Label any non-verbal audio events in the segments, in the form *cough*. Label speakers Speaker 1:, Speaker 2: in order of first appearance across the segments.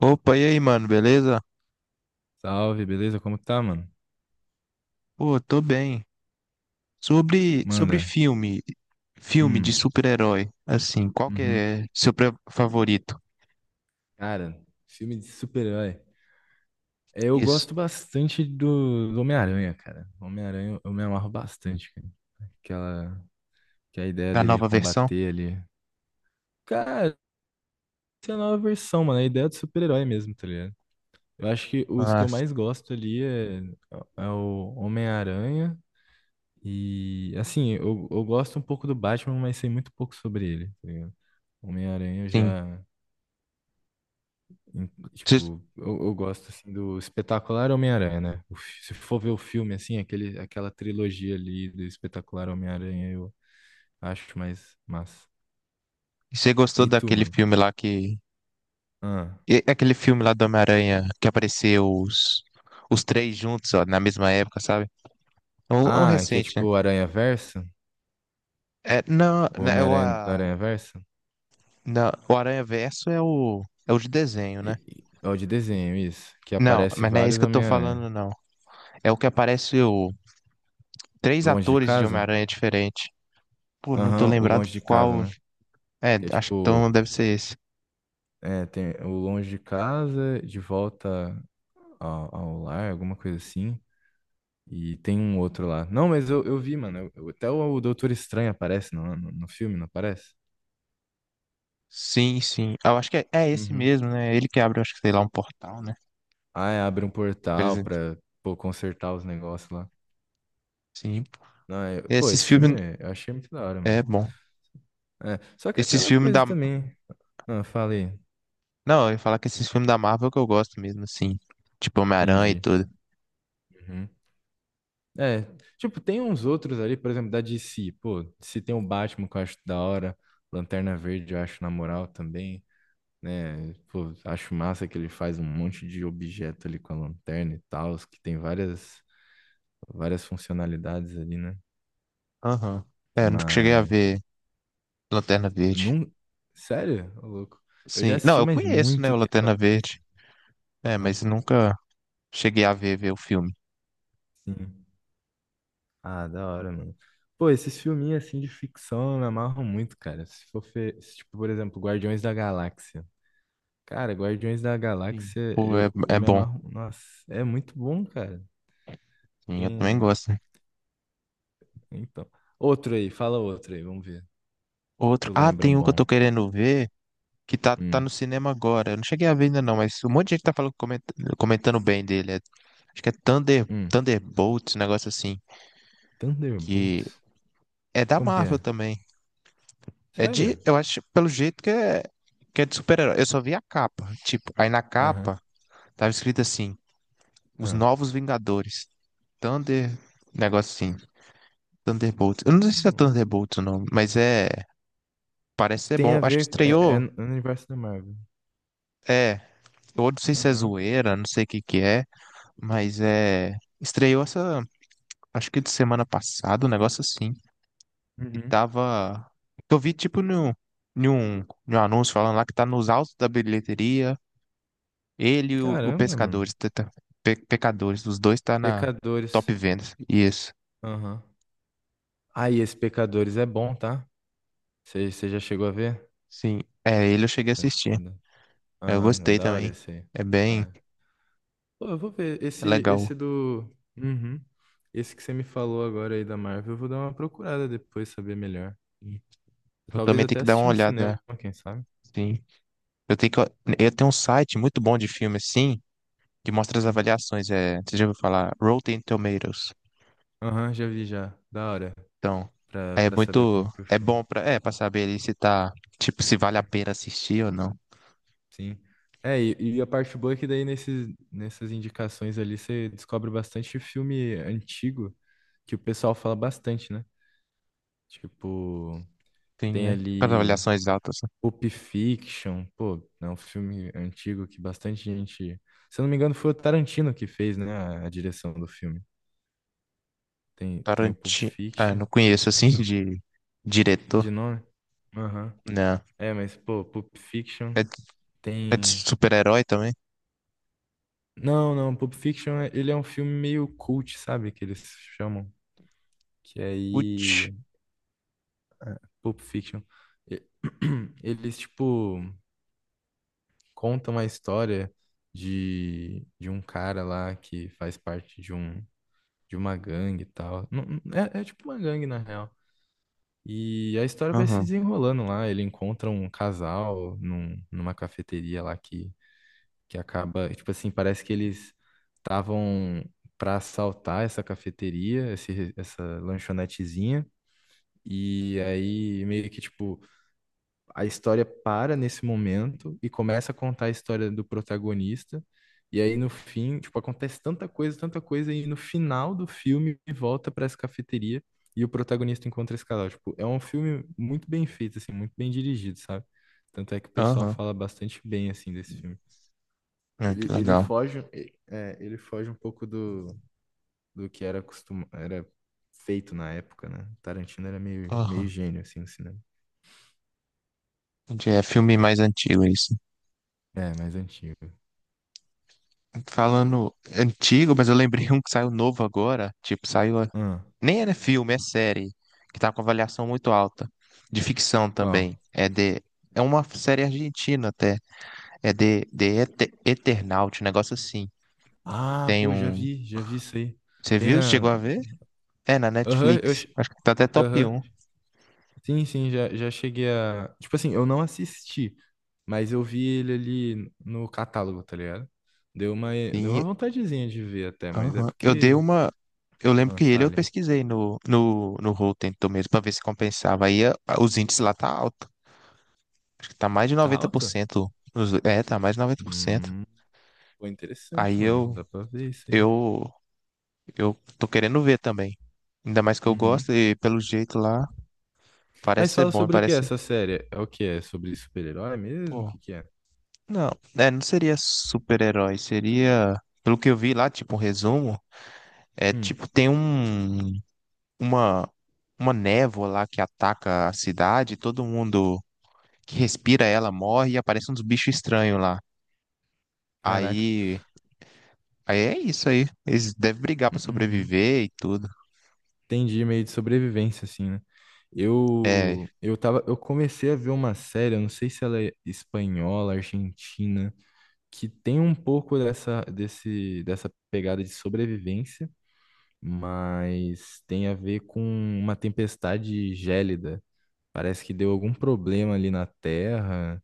Speaker 1: Opa, e aí, mano, beleza?
Speaker 2: Salve, beleza? Como que tá, mano?
Speaker 1: Pô, tô bem. Sobre
Speaker 2: Manda.
Speaker 1: filme de
Speaker 2: Hum,
Speaker 1: super-herói, assim, qual que
Speaker 2: uhum.
Speaker 1: é seu favorito?
Speaker 2: Cara, filme de super-herói. Eu
Speaker 1: Isso,
Speaker 2: gosto bastante do Homem-Aranha, cara. Homem-Aranha eu me amarro bastante, cara. Aquela, que a ideia
Speaker 1: da
Speaker 2: dele de
Speaker 1: nova versão?
Speaker 2: combater ali. Cara, essa é a nova versão, mano. A ideia do super-herói mesmo, tá ligado? Eu acho que os que
Speaker 1: Ah,
Speaker 2: eu mais gosto ali é o Homem-Aranha. E, assim, eu gosto um pouco do Batman, mas sei muito pouco sobre ele, tá ligado? Homem-Aranha eu
Speaker 1: sim.
Speaker 2: já. Tipo, eu gosto assim do Espetacular Homem-Aranha, né? Se for ver o filme assim, aquela trilogia ali do Espetacular Homem-Aranha, eu acho mais massa.
Speaker 1: Você gostou
Speaker 2: E tu,
Speaker 1: daquele
Speaker 2: mano?
Speaker 1: filme lá que...
Speaker 2: Ah,
Speaker 1: Aquele filme lá do Homem-Aranha que apareceu os três juntos, ó, na mesma época, sabe? É um
Speaker 2: ah, é que é
Speaker 1: recente, né?
Speaker 2: tipo o Aranha-Verso?
Speaker 1: É, não,
Speaker 2: O
Speaker 1: não,
Speaker 2: Homem-Aranha do Aranha-Verso?
Speaker 1: não, o Aranha Verso é o, é o de desenho, né?
Speaker 2: É o de desenho, isso. Que
Speaker 1: Não,
Speaker 2: aparece
Speaker 1: mas não é isso
Speaker 2: vários
Speaker 1: que eu tô
Speaker 2: Homem-Aranha.
Speaker 1: falando, não. É o que aparece o três
Speaker 2: Longe de
Speaker 1: atores de
Speaker 2: casa?
Speaker 1: Homem-Aranha diferente. Pô, não tô
Speaker 2: Aham, o
Speaker 1: lembrado
Speaker 2: Longe de Casa,
Speaker 1: qual.
Speaker 2: né?
Speaker 1: É,
Speaker 2: Que é
Speaker 1: acho que
Speaker 2: tipo,
Speaker 1: então deve ser esse.
Speaker 2: é, tem o Longe de Casa, de volta ao lar, alguma coisa assim. E tem um outro lá. Não, mas eu vi, mano. Até o Doutor Estranho aparece no filme, não aparece?
Speaker 1: Sim, sim. Ah, eu acho que é esse
Speaker 2: Uhum.
Speaker 1: mesmo, né? Ele que abre, acho que sei lá, um portal, né?
Speaker 2: Ah, é, abre um
Speaker 1: Por
Speaker 2: portal
Speaker 1: exemplo.
Speaker 2: pra, pô, consertar os negócios lá.
Speaker 1: Sim.
Speaker 2: Não, pô,
Speaker 1: Esses filmes.
Speaker 2: eu achei muito da hora,
Speaker 1: É
Speaker 2: mano.
Speaker 1: bom.
Speaker 2: É, só que
Speaker 1: Esses
Speaker 2: aquela
Speaker 1: filmes da,
Speaker 2: coisa também. Ah, falei,
Speaker 1: Não, eu ia falar que esses filmes da Marvel é que eu gosto mesmo, assim. Tipo Homem-Aranha e
Speaker 2: entendi.
Speaker 1: tudo.
Speaker 2: Uhum. É, tipo, tem uns outros ali, por exemplo, da DC. Pô, se tem o Batman que eu acho da hora. Lanterna Verde eu acho na moral também, né? Pô, acho massa que ele faz um monte de objeto ali com a lanterna e tal, que tem várias funcionalidades ali, né?
Speaker 1: Aham. É, eu nunca cheguei a
Speaker 2: Mas,
Speaker 1: ver Lanterna Verde.
Speaker 2: não, sério, ô louco. Eu já
Speaker 1: Sim. Não,
Speaker 2: assisti,
Speaker 1: eu
Speaker 2: mas
Speaker 1: conheço, né,
Speaker 2: muito
Speaker 1: o
Speaker 2: tempo
Speaker 1: Lanterna
Speaker 2: atrás.
Speaker 1: Verde. É,
Speaker 2: Aham,
Speaker 1: mas nunca cheguei a ver o filme.
Speaker 2: sim. Ah, da hora, mano. Pô, esses filminhos assim de ficção me amarram muito, cara. Se for, fe- se, tipo, por exemplo, Guardiões da Galáxia. Cara, Guardiões da
Speaker 1: Sim.
Speaker 2: Galáxia,
Speaker 1: Pô, é,
Speaker 2: eu
Speaker 1: é
Speaker 2: me
Speaker 1: bom.
Speaker 2: amarro. Nossa, é muito bom, cara.
Speaker 1: Sim, eu também
Speaker 2: Tem.
Speaker 1: gosto.
Speaker 2: Então. Outro aí, fala outro aí, vamos ver.
Speaker 1: Outro.
Speaker 2: Tu
Speaker 1: Ah,
Speaker 2: lembra
Speaker 1: tem
Speaker 2: um
Speaker 1: um que eu
Speaker 2: bom?
Speaker 1: tô querendo ver que tá no
Speaker 2: Hum,
Speaker 1: cinema agora. Eu não cheguei a ver ainda não, mas um monte de gente tá falando, comentando bem dele. Acho que é
Speaker 2: hum.
Speaker 1: Thunderbolts, um negócio assim. Que
Speaker 2: Thunderbolts?
Speaker 1: é da
Speaker 2: Como que
Speaker 1: Marvel
Speaker 2: é?
Speaker 1: também. É de,
Speaker 2: Sério?
Speaker 1: eu acho, pelo jeito que é de super-herói. Eu só vi a capa. Tipo, aí na
Speaker 2: Aham.
Speaker 1: capa tava escrito assim. Os
Speaker 2: Ah.
Speaker 1: Novos Vingadores. Thunder. Negócio assim. Thunderbolts. Eu não sei se é
Speaker 2: Hum.
Speaker 1: Thunderbolts o nome, mas é. Parece ser
Speaker 2: Tem
Speaker 1: bom.
Speaker 2: a
Speaker 1: Acho que
Speaker 2: ver, é, é
Speaker 1: estreou.
Speaker 2: no universo da Marvel.
Speaker 1: É. Eu não sei se é
Speaker 2: Aham.
Speaker 1: zoeira, não sei o que que é, mas é. Estreou essa. Acho que de semana passada, um negócio assim. E
Speaker 2: Uhum.
Speaker 1: tava. Eu vi tipo no. Em um anúncio falando lá que tá nos altos da bilheteria. Ele e o
Speaker 2: Caramba, mano.
Speaker 1: Pescadores. Pecadores. Os dois tá na
Speaker 2: Pecadores.
Speaker 1: top vendas. Isso.
Speaker 2: Aham. Ah, e esse Pecadores é bom, tá? Você já chegou a ver?
Speaker 1: Sim. É, ele eu cheguei a
Speaker 2: É-
Speaker 1: assistir.
Speaker 2: é da-
Speaker 1: É, eu
Speaker 2: Aham, é
Speaker 1: gostei
Speaker 2: da hora
Speaker 1: também.
Speaker 2: esse aí.
Speaker 1: É bem
Speaker 2: É. Pô, eu vou ver.
Speaker 1: é
Speaker 2: Esse,
Speaker 1: legal.
Speaker 2: esse do. Uhum. Esse que você me falou agora aí da Marvel, eu vou dar uma procurada depois, saber melhor.
Speaker 1: Eu
Speaker 2: Talvez
Speaker 1: também tenho
Speaker 2: até
Speaker 1: que dar uma
Speaker 2: assistir no
Speaker 1: olhada.
Speaker 2: cinema, quem sabe?
Speaker 1: Sim. Eu tenho que, eu tenho um site muito bom de filme, assim, que mostra as
Speaker 2: Hum.
Speaker 1: avaliações. É, você já ouviu falar? Rotten Tomatoes.
Speaker 2: Aham, já vi já. Da hora.
Speaker 1: Então,
Speaker 2: Pra,
Speaker 1: é
Speaker 2: pra saber
Speaker 1: muito.
Speaker 2: como que o
Speaker 1: É
Speaker 2: filme
Speaker 1: bom pra, é, pra saber ali se tá. Tipo, se vale a
Speaker 2: é.
Speaker 1: pena assistir ou não.
Speaker 2: Sim. É, e a parte boa é que daí nessas indicações ali você descobre bastante filme antigo que o pessoal fala bastante, né? Tipo,
Speaker 1: Sim,
Speaker 2: tem
Speaker 1: né? Com as
Speaker 2: ali
Speaker 1: avaliações altas. Assim.
Speaker 2: Pulp Fiction, pô, é um filme antigo que bastante gente. Se eu não me engano, foi o Tarantino que fez, né, a direção do filme. Tem o Pulp
Speaker 1: Tarantino. Ah,
Speaker 2: Fiction
Speaker 1: não conheço, assim, *laughs* de diretor.
Speaker 2: de nome. Aham.
Speaker 1: Não.
Speaker 2: É, mas, pô, Pulp Fiction
Speaker 1: É, de- é de
Speaker 2: tem.
Speaker 1: super-herói também?
Speaker 2: Não, não, Pulp Fiction, ele é um filme meio cult, sabe? Que eles chamam. Que
Speaker 1: Putz.
Speaker 2: aí. Pulp Fiction. E- *clears throat* Eles, tipo, contam a história de um cara lá que faz parte de uma gangue e tal. É, é tipo uma gangue, na real. E a história vai se
Speaker 1: Aham.
Speaker 2: desenrolando lá. Ele encontra um casal numa cafeteria lá que acaba, tipo assim, parece que eles estavam para assaltar essa cafeteria, essa lanchonetezinha. E aí, meio que, tipo, a história para nesse momento e começa a contar a história do protagonista. E aí, no fim, tipo, acontece tanta coisa, e no final do filme volta para essa cafeteria e o protagonista encontra esse casal. Tipo, é um filme muito bem feito, assim, muito bem dirigido, sabe? Tanto é que o pessoal
Speaker 1: Aham.
Speaker 2: fala bastante bem, assim, desse filme.
Speaker 1: Ah,
Speaker 2: Ele,
Speaker 1: que
Speaker 2: ele
Speaker 1: legal.
Speaker 2: foge, é, ele foge um pouco do, do que era costuma, era feito na época, né? Tarantino era meio
Speaker 1: Aham.
Speaker 2: gênio, assim, no cinema.
Speaker 1: Entendi, é filme mais antigo é isso.
Speaker 2: É, mais antigo.
Speaker 1: Falando antigo, mas eu lembrei um que saiu novo agora. Tipo, saiu.
Speaker 2: Ah,
Speaker 1: Nem era filme, é série. Que tá com avaliação muito alta. De ficção
Speaker 2: qual?
Speaker 1: também. É de. É uma série argentina até. É de Eternaut, um negócio assim.
Speaker 2: Ah,
Speaker 1: Tem
Speaker 2: pô,
Speaker 1: um.
Speaker 2: já vi isso aí.
Speaker 1: Você
Speaker 2: Tem
Speaker 1: viu? Chegou
Speaker 2: na...
Speaker 1: a ver? É na
Speaker 2: Aham, eu...
Speaker 1: Netflix.
Speaker 2: che-
Speaker 1: Acho que tá até top
Speaker 2: Aham.
Speaker 1: um.
Speaker 2: Sim, sim, já cheguei a... Tipo assim, eu não assisti, mas eu vi ele ali no catálogo, tá ligado? Deu
Speaker 1: Sim.
Speaker 2: uma vontadezinha de ver até, mas é
Speaker 1: Aham. Eu dei
Speaker 2: porque...
Speaker 1: uma. Eu lembro
Speaker 2: Ah,
Speaker 1: que ele eu
Speaker 2: falha.
Speaker 1: pesquisei no, no Rotten Tomatoes pra ver se compensava. Os índices lá tá alto. Tá mais de
Speaker 2: Tá alto?
Speaker 1: 90%. É, tá mais de 90%.
Speaker 2: Hum... Pô, interessante,
Speaker 1: Aí
Speaker 2: mano.
Speaker 1: eu,
Speaker 2: Dá pra ver isso aí.
Speaker 1: eu, eu tô querendo ver também. Ainda mais que eu gosto
Speaker 2: Uhum.
Speaker 1: e pelo jeito lá, parece
Speaker 2: Mas
Speaker 1: ser
Speaker 2: fala
Speaker 1: bom,
Speaker 2: sobre o que é
Speaker 1: parece.
Speaker 2: essa série? É o que é? Sobre super-herói mesmo? O
Speaker 1: Pô,
Speaker 2: que que é?
Speaker 1: não, é, não seria super-herói, seria. Pelo que eu vi lá, tipo, um resumo, é
Speaker 2: Hum.
Speaker 1: tipo, tem uma, uma névoa lá que ataca a cidade, todo mundo que respira ela morre e aparecem uns bichos estranhos lá.
Speaker 2: Caraca.
Speaker 1: Aí, aí é isso aí. Eles devem brigar pra
Speaker 2: Hum, Uhum.
Speaker 1: sobreviver e tudo.
Speaker 2: Entendi, meio de sobrevivência, assim, né?
Speaker 1: É.
Speaker 2: Eu comecei a ver uma série, eu não sei se ela é espanhola, argentina, que tem um pouco dessa pegada de sobrevivência, mas tem a ver com uma tempestade gélida. Parece que deu algum problema ali na Terra,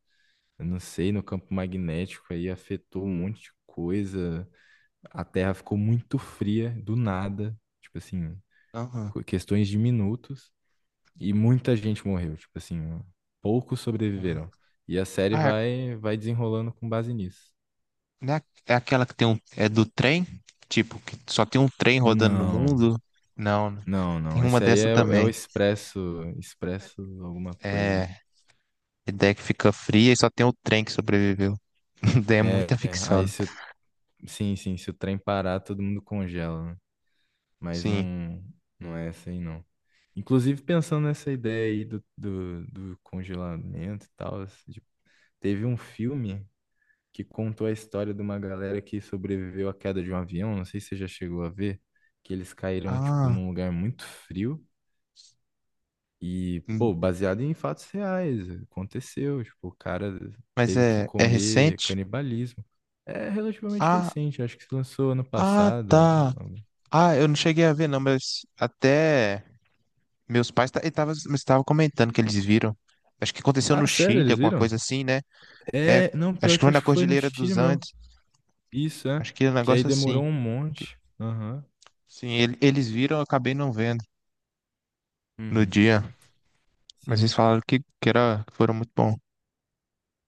Speaker 2: eu não sei, no campo magnético aí afetou um monte de coisa. A Terra ficou muito fria do nada, tipo assim,
Speaker 1: Aham.
Speaker 2: questões de minutos e muita gente morreu, tipo assim, poucos sobreviveram. E a série
Speaker 1: Ah, é,
Speaker 2: vai desenrolando com base nisso.
Speaker 1: né? É aquela que tem um. É do trem? Tipo, que só tem um trem rodando no
Speaker 2: Não,
Speaker 1: mundo? Não, né? Tem
Speaker 2: não.
Speaker 1: uma
Speaker 2: Esse aí
Speaker 1: dessa
Speaker 2: é, é o
Speaker 1: também.
Speaker 2: Expresso, Expresso alguma coisa.
Speaker 1: É. A ideia é que fica fria e só tem o trem que sobreviveu. *laughs* É
Speaker 2: É,
Speaker 1: muita
Speaker 2: é,
Speaker 1: ficção.
Speaker 2: aí
Speaker 1: Né?
Speaker 2: se o, sim, sim, se o trem parar, todo mundo congela, né? Mas
Speaker 1: Sim.
Speaker 2: não, não é essa aí não. Inclusive, pensando nessa ideia aí do congelamento e tal, assim, tipo, teve um filme que contou a história de uma galera que sobreviveu à queda de um avião, não sei se você já chegou a ver, que eles caíram, tipo,
Speaker 1: Ah,
Speaker 2: num lugar muito frio e,
Speaker 1: hum,
Speaker 2: pô, baseado em fatos reais, aconteceu, tipo, o cara
Speaker 1: mas
Speaker 2: teve que
Speaker 1: é, é
Speaker 2: comer
Speaker 1: recente?
Speaker 2: canibalismo. É relativamente
Speaker 1: Ah,
Speaker 2: recente, acho que se lançou ano
Speaker 1: ah,
Speaker 2: passado.
Speaker 1: tá. Ah, eu não cheguei a ver, não, mas até meus pais estavam comentando que eles viram. Acho que aconteceu no
Speaker 2: Ah, sério,
Speaker 1: Chile,
Speaker 2: eles
Speaker 1: alguma
Speaker 2: viram?
Speaker 1: coisa assim, né? É,
Speaker 2: É, não,
Speaker 1: acho
Speaker 2: pior
Speaker 1: que
Speaker 2: que
Speaker 1: foi na
Speaker 2: acho que foi no
Speaker 1: Cordilheira
Speaker 2: Chile
Speaker 1: dos
Speaker 2: mesmo.
Speaker 1: Andes.
Speaker 2: Isso, é.
Speaker 1: Acho que é um
Speaker 2: Que aí
Speaker 1: negócio
Speaker 2: demorou
Speaker 1: assim.
Speaker 2: um
Speaker 1: Que,
Speaker 2: monte. Aham.
Speaker 1: sim, eles viram, eu acabei não vendo no
Speaker 2: Uhum.
Speaker 1: dia. Mas eles
Speaker 2: Sim.
Speaker 1: falaram que era, que foram muito bom.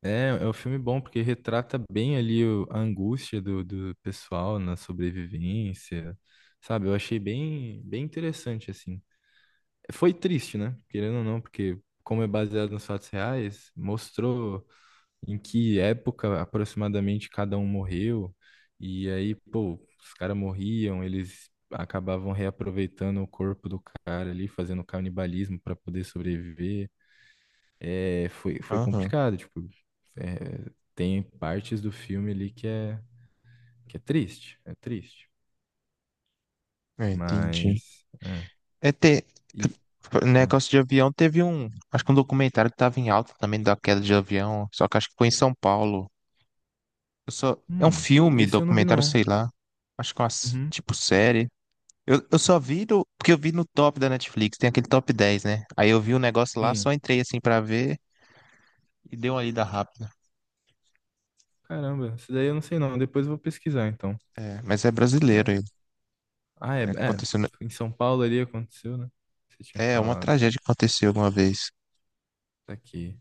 Speaker 2: É, é um filme bom, porque retrata bem ali a angústia do pessoal na sobrevivência, sabe? Eu achei bem interessante, assim. Foi triste, né? Querendo ou não, porque como é baseado nos fatos reais, mostrou em que época aproximadamente cada um morreu. E aí, pô, os caras morriam, eles acabavam reaproveitando o corpo do cara ali, fazendo canibalismo para poder sobreviver. Foi
Speaker 1: Aham,
Speaker 2: complicado, tipo, é, tem partes do filme ali que é triste, é triste.
Speaker 1: é, entendi.
Speaker 2: Mas, é,
Speaker 1: É ter,
Speaker 2: e, ah,
Speaker 1: negócio de avião, teve um. Acho que um documentário que tava em alta também da queda de avião. Só que acho que foi em São Paulo. Eu só, é um
Speaker 2: hum,
Speaker 1: filme,
Speaker 2: esse eu não vi
Speaker 1: documentário,
Speaker 2: não.
Speaker 1: sei lá. Acho que é uma
Speaker 2: Uhum,
Speaker 1: tipo série. Eu só vi do, porque eu vi no top da Netflix, tem aquele top 10, né? Aí eu vi o negócio lá,
Speaker 2: sim,
Speaker 1: só entrei assim pra ver. E deu uma lida rápida.
Speaker 2: caramba, esse daí eu não sei não, depois eu vou pesquisar então.
Speaker 1: É, mas é brasileiro
Speaker 2: É,
Speaker 1: ele.
Speaker 2: ah, é,
Speaker 1: É,
Speaker 2: é.
Speaker 1: aconteceu...
Speaker 2: Em São Paulo ali aconteceu, né? Você tinha
Speaker 1: é uma
Speaker 2: falado.
Speaker 1: tragédia que aconteceu uma vez.
Speaker 2: Tá aqui.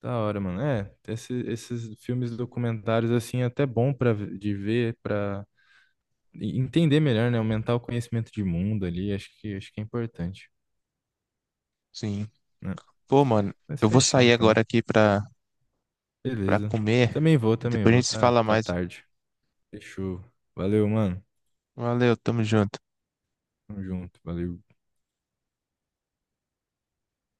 Speaker 2: Da hora, mano. É, esses filmes documentários, assim, é até bom pra, de ver, pra entender melhor, né? Aumentar o conhecimento de mundo ali. Acho que é importante,
Speaker 1: Sim.
Speaker 2: né?
Speaker 1: Pô, mano,
Speaker 2: Mas
Speaker 1: eu vou
Speaker 2: fechou,
Speaker 1: sair
Speaker 2: então.
Speaker 1: agora aqui pra
Speaker 2: Beleza.
Speaker 1: comer.
Speaker 2: Também
Speaker 1: Depois a
Speaker 2: vou.
Speaker 1: gente se fala
Speaker 2: Tá
Speaker 1: mais.
Speaker 2: tarde. Fechou. Valeu, mano.
Speaker 1: Valeu, tamo junto.
Speaker 2: Tamo junto. Valeu.